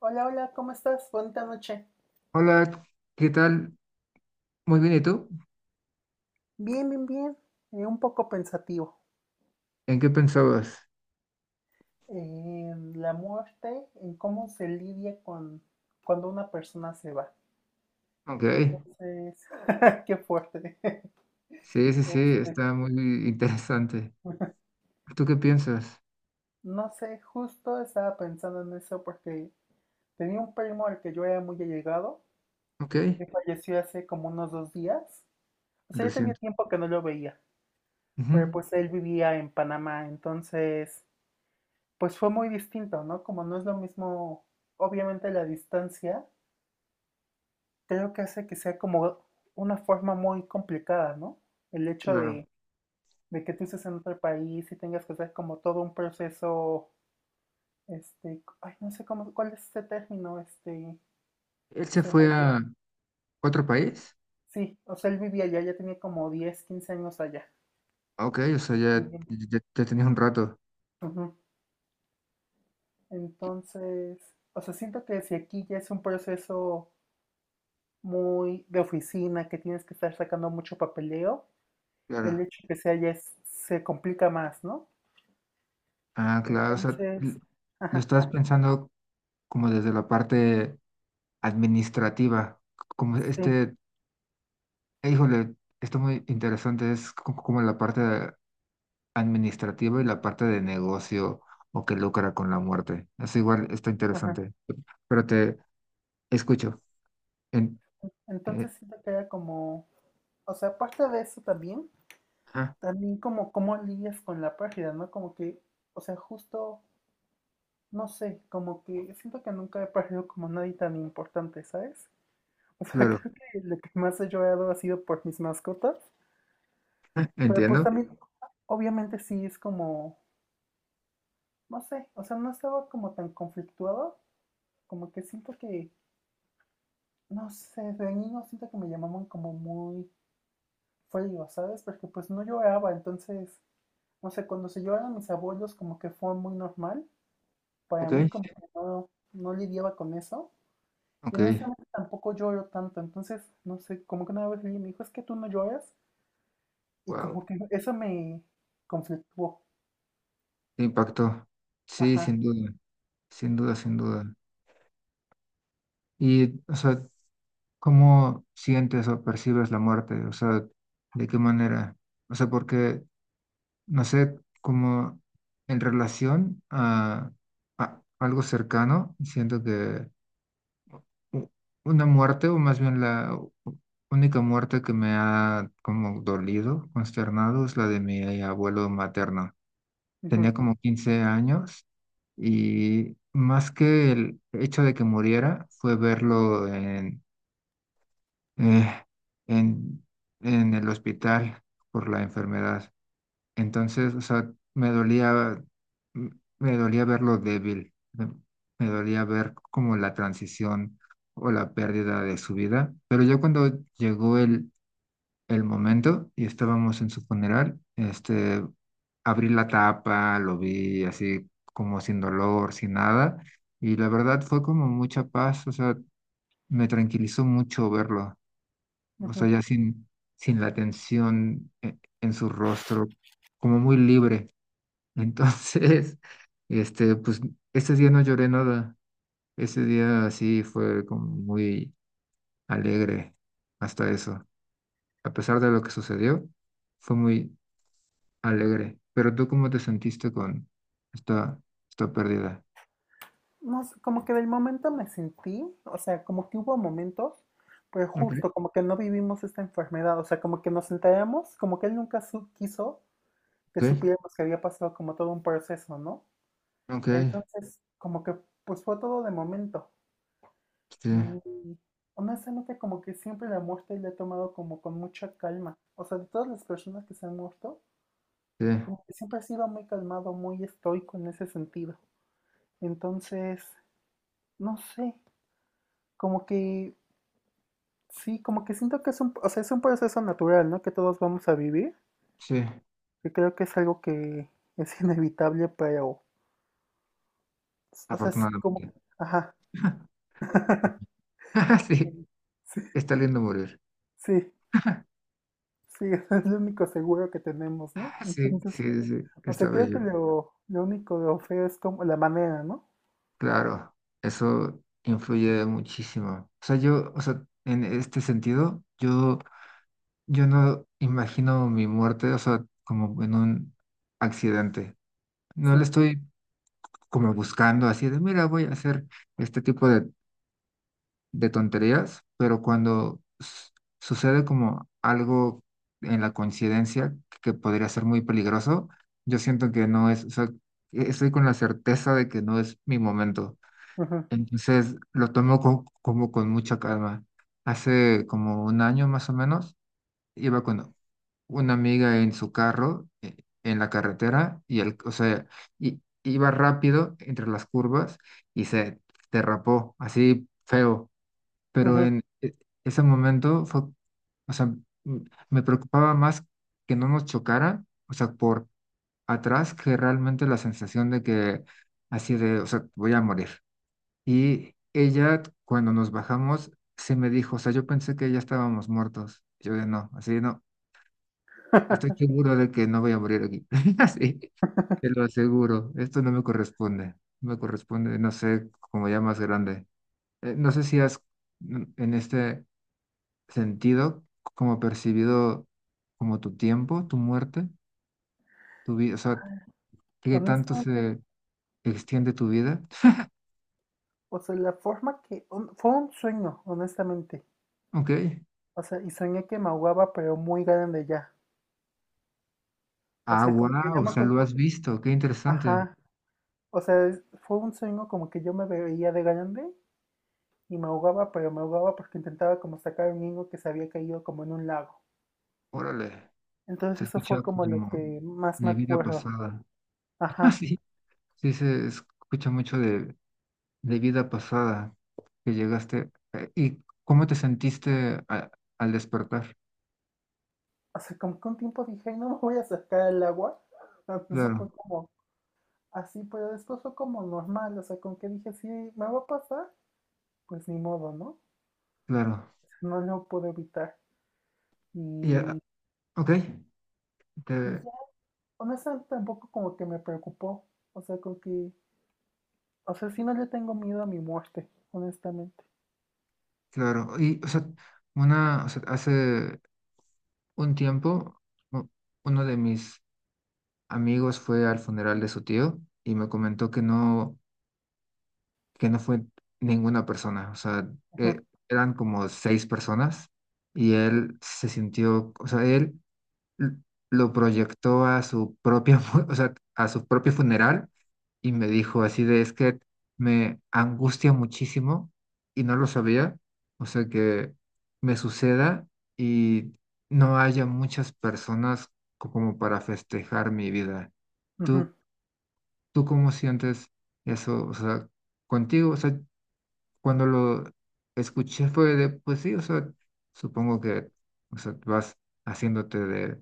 Hola, hola, ¿cómo estás? Bonita noche. Hola, ¿qué tal? Muy bien, ¿y tú? Bien, bien, bien. Un poco pensativo. ¿En qué pensabas? En la muerte, en cómo se lidia con cuando una persona se va. Ok, Entonces, qué fuerte. sí, sí, sí, Este, está muy interesante. ¿Tú qué piensas? no sé, justo estaba pensando en eso porque tenía un primo al que yo era muy allegado, Ok, que falleció hace como unos 2 días. O sea, ya tenía reciente. tiempo que no lo veía, Ujú, pero pues él vivía en Panamá, entonces pues fue muy distinto, ¿no? Como no es lo mismo, obviamente la distancia, creo que hace que sea como una forma muy complicada, ¿no? El hecho claro. de, de que tú estés en otro país y tengas que hacer como todo un proceso, ay, no sé cómo, cuál es ese término, ¿Él se se me fue olvidó. a otro país? Sí, o sea, él vivía allá, ya tenía como 10, 15 años allá Ok, o sea, ya, viviendo. ya, ya tenías un rato. Ujú. Entonces, o sea, siento que si aquí ya es un proceso muy de oficina, que tienes que estar sacando mucho papeleo, el Claro. hecho que sea ya se complica más, ¿no? Ah, claro, o sea, Entonces, lo ajá, estás pensando como desde la parte administrativa, como sí, este, híjole, está muy interesante, es como la parte administrativa y la parte de negocio o que lucra con la muerte. Eso igual está ajá. interesante. Pero te escucho. En, eh, Entonces siento que era como, o sea, aparte de eso también, ah, también como cómo lidias con la pérdida, ¿no? Como que, o sea, justo, no sé, como que siento que nunca he perdido como nadie tan importante, ¿sabes? O sea, claro, creo que lo que más he llorado ha sido por mis mascotas, pero pues entiendo. también, obviamente sí es como, no sé, o sea, no estaba como tan conflictuado, como que siento que no sé, de niño siento que me llamaban como muy frío, ¿sabes? Porque pues no lloraba, entonces, no sé, cuando se lloraron mis abuelos como que fue muy normal, para Ok, mí como que no lidiaba con eso, y ok, honestamente tampoco lloro tanto, entonces, no sé, como que una vez alguien me dijo, es que tú no lloras, y wow, como que eso me conflictuó, qué impacto. Sí, ajá, sin duda, sin duda, sin duda. Y, o sea, ¿cómo sientes o percibes la muerte? O sea, ¿de qué manera? O sea, porque, no sé, como en relación a algo cercano, siento que u- una muerte, o más bien la única muerte que me ha como dolido, consternado, es la de mi abuelo materno. Tenía ujú, como 15 años y más que el hecho de que muriera, fue verlo eh, en, en el hospital por la enfermedad. Entonces, o sea, me dolía, m- me dolía verlo débil, me dolía ver como la transición o la pérdida de su vida. Pero ya cuando llegó el momento y estábamos en su funeral, abrí la tapa, lo vi así como sin dolor, sin nada, y la verdad fue como mucha paz, o sea, me tranquilizó mucho verlo, o sea, ujú. ya sin la tensión en su rostro, como muy libre. Entonces, pues ese día no lloré nada. Ese día sí fue como muy alegre hasta eso. A pesar de lo que sucedió, fue muy alegre. Pero tú, ¿cómo te sentiste con esta, esta pérdida? No sé, como que del momento me sentí, o sea, como que hubo momentos, pero Ok, justo como que no vivimos esta enfermedad, o sea, como que nos enteramos, como que él nunca quiso que ok, supiéramos que había pasado como todo un proceso, ¿no? ok, Entonces, como que pues fue todo de momento. sí, Y honestamente como que siempre la muerte la he tomado como con mucha calma. O sea, de todas las personas que se han muerto, sí, como que siempre he sido muy calmado, muy estoico en ese sentido. Entonces, no sé, como que sí, como que siento que es un, o sea, es un proceso natural, ¿no? Que todos vamos a vivir. sí, Yo creo que es algo que es inevitable, pero, o sea, sí, como, afortunadamente. ajá. Sí, Sí, está lindo morir. sí, sí, es lo único seguro que tenemos, ¿no? Sí, Entonces, sí, sí, o está sea, creo que bello. lo único de feo es como la manera, ¿no? Claro, eso influye muchísimo. O sea, yo, o sea, en este sentido, yo no imagino mi muerte, o sea, como en un accidente. No le Sí. estoy como buscando así de, mira, voy a hacer este tipo de tonterías, pero cuando sucede como algo en la coincidencia que podría ser muy peligroso, yo siento que no es, o sea, estoy con la certeza de que no es mi momento. Ujú, Entonces lo tomo como con mucha calma. Hace como un año más o menos, iba con una amiga en su carro, en la carretera, y o sea, iba rápido entre las curvas y se derrapó, así feo. Pero ujú. en ese momento fue, o sea, m- me preocupaba más que no nos chocara, o sea, por atrás, que realmente la sensación de que así de, o sea, voy a morir. Y ella, cuando nos bajamos, se me dijo, o sea, yo pensé que ya estábamos muertos. Yo de no, así de, no, estoy seguro de que no voy a morir aquí. Así, te lo aseguro, esto no me corresponde. No me corresponde, no sé, como ya más grande. No sé si has, en este sentido, como percibido como tu tiempo, tu muerte, tu vida, o sea, qué tanto Honestamente, se extiende tu vida. o sea, la forma que, fue un sueño, honestamente. Ok. O sea, y soñé que me ahogaba, pero muy grande ya. O Ah, sea, como que wow, ya o me sea, lo acuerdo. has visto, qué interesante. Ajá. O sea, fue un sueño como que yo me veía de grande y me ahogaba, pero me ahogaba porque intentaba como sacar a un niño que se había caído como en un lago. Órale. Se Entonces eso escucha fue como lo como que más me de vida acuerdo. pasada. Ah, Ajá. sí. Sí, se escucha mucho de vida pasada que llegaste. ¿Y cómo te sentiste al despertar? O sea, como que un tiempo dije, "Ay, no me voy a sacar al agua". Así fue Claro, como, así, pero después fue como normal. O sea, como que dije, sí, me va a pasar, pues ni modo, ¿no? O claro. sea, no lo puedo evitar. Y, ah, Y, ok, y te- ya, honestamente tampoco como que me preocupó. O sea, como que o sea, sí no le tengo miedo a mi muerte, honestamente. claro. Y, o sea, una, o sea, hace un tiempo, u- uno de mis amigos fue al funeral de su tío y me comentó que no fue ninguna persona, o sea, eh, Ujú, eran como seis personas y él se sintió, o sea, él l- lo proyectó a su propia, o sea, a su propio funeral y me dijo así de, es que me angustia muchísimo y no lo sabía, o sea, que me suceda y no haya muchas personas como para festejar mi vida. ¿Tú, ujú, tú cómo sientes eso? O sea, contigo, o sea, cuando lo escuché fue de, pues sí, o sea, supongo que, o sea, vas haciéndote de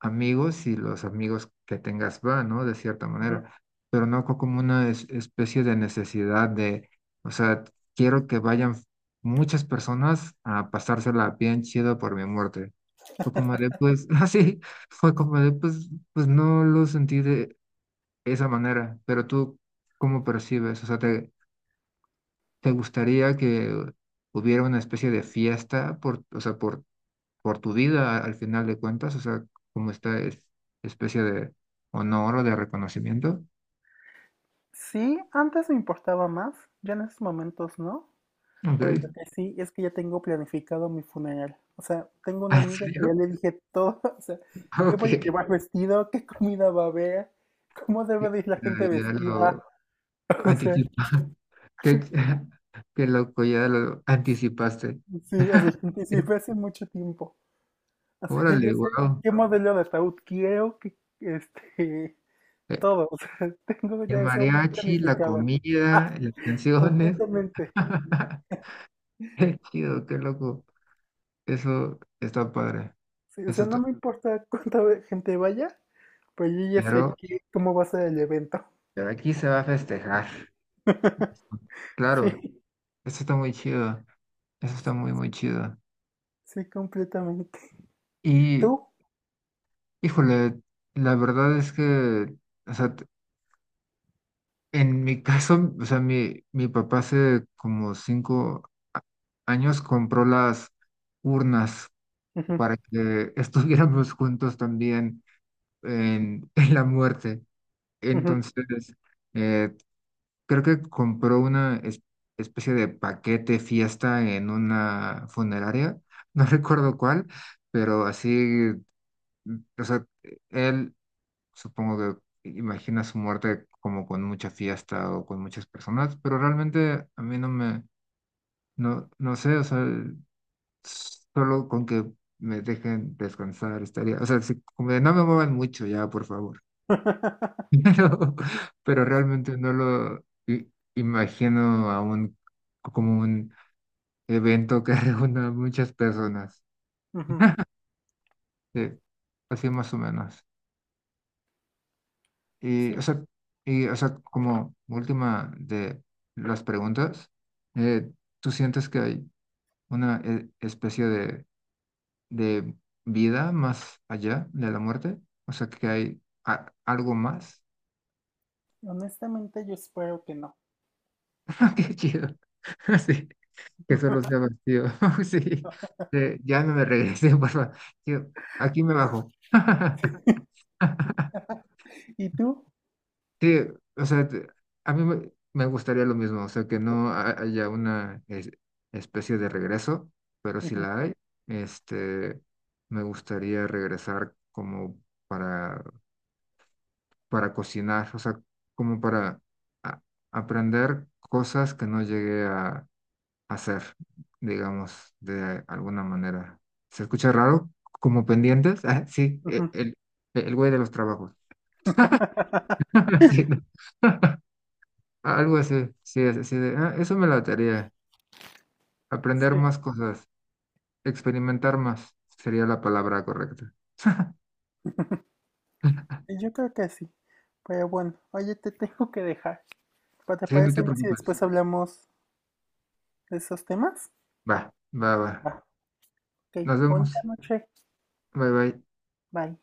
amigos y los amigos que tengas van, ¿no? De cierta ujú. manera, pero no como una especie de necesidad de, o sea, quiero que vayan muchas personas a pasársela bien chido por mi muerte. Fue como de, pues, así, fue como de, pues no lo sentí de esa manera, pero tú, ¿cómo percibes? O sea, ¿te gustaría que hubiera una especie de fiesta por, o sea, por tu vida al final de cuentas? O sea, como esta especie de honor o de reconocimiento. Sí, antes me importaba más, ya en estos momentos no. Ok. Pero lo que sí es que ya tengo planificado mi funeral. O sea, tengo una ¿En amiga que serio? ya le dije todo. O sea, qué voy a Ok. llevar vestido, qué comida va a haber, cómo Ya, debe de ir la gente ya vestida. lo O sea, anticipa. Qué, qué loco, ya lo anticipaste. sí, o sea, lo anticipé hace mucho tiempo. O sea, ya Órale, sé wow. qué modelo de ataúd quiero, qué, todo, o sea, tengo El ya eso muy mariachi, la planificado. comida, las canciones. Completamente. Qué chido, qué loco. Eso está padre. Sí, o Eso sea, no está. me importa cuánta gente vaya, pues yo ya sé Pero, que, cómo va a ser el evento. pero aquí se va a festejar. Sí, Claro, eso está muy chido. Eso está muy, muy chido. sí, completamente. Y, ¿Tú? híjole, la verdad es que, o sea, en mi caso, o sea, mi papá hace como cinco años compró las urnas Ujú, para que estuviéramos juntos también en la muerte. ujú. Entonces, eh, creo que compró una especie de paquete fiesta en una funeraria, no recuerdo cuál, pero así, o sea, él supongo que imagina su muerte como con mucha fiesta o con muchas personas, pero realmente a mí no me, no, no sé, o sea, solo con que me dejen descansar estaría, o sea, como de no me muevan mucho ya, por favor. Pero, pero realmente no lo imagino a un, como un evento que reúna a muchas personas, Ujú, eh, así más o menos. sí, Y, o sea, y, o sea, como última de las preguntas, eh, ¿tú sientes que hay una especie de vida más allá de la muerte? O sea, que hay algo más. honestamente yo espero que no. Qué chido. Sí, que solo sea vacío. Sí, ya no me regresé, por favor. Yo, aquí me bajo. ¿Y tú? Sí, o sea, a mí me gustaría lo mismo, o sea, que no haya una especie de regreso, pero si Ujú, la hay, este, me gustaría regresar como para, para, cocinar, o sea, como para a- aprender cosas que no llegué a, hacer, digamos, de alguna manera. ¿Se escucha raro? ¿Como pendientes? Ah, sí, ujú. El güey de los trabajos. Sí, no. Algo así, sí, es así de, "Ah, eso me lataría. Aprender Sí, más cosas, experimentar más, sería la palabra correcta." yo creo que sí. Pero bueno, oye, te tengo que dejar. ¿Te Sí, no parece te bien si preocupes. después hablamos de esos temas? Va, va, va. Va. Ok, Nos vemos. bonita noche. Bye, bye. Bye.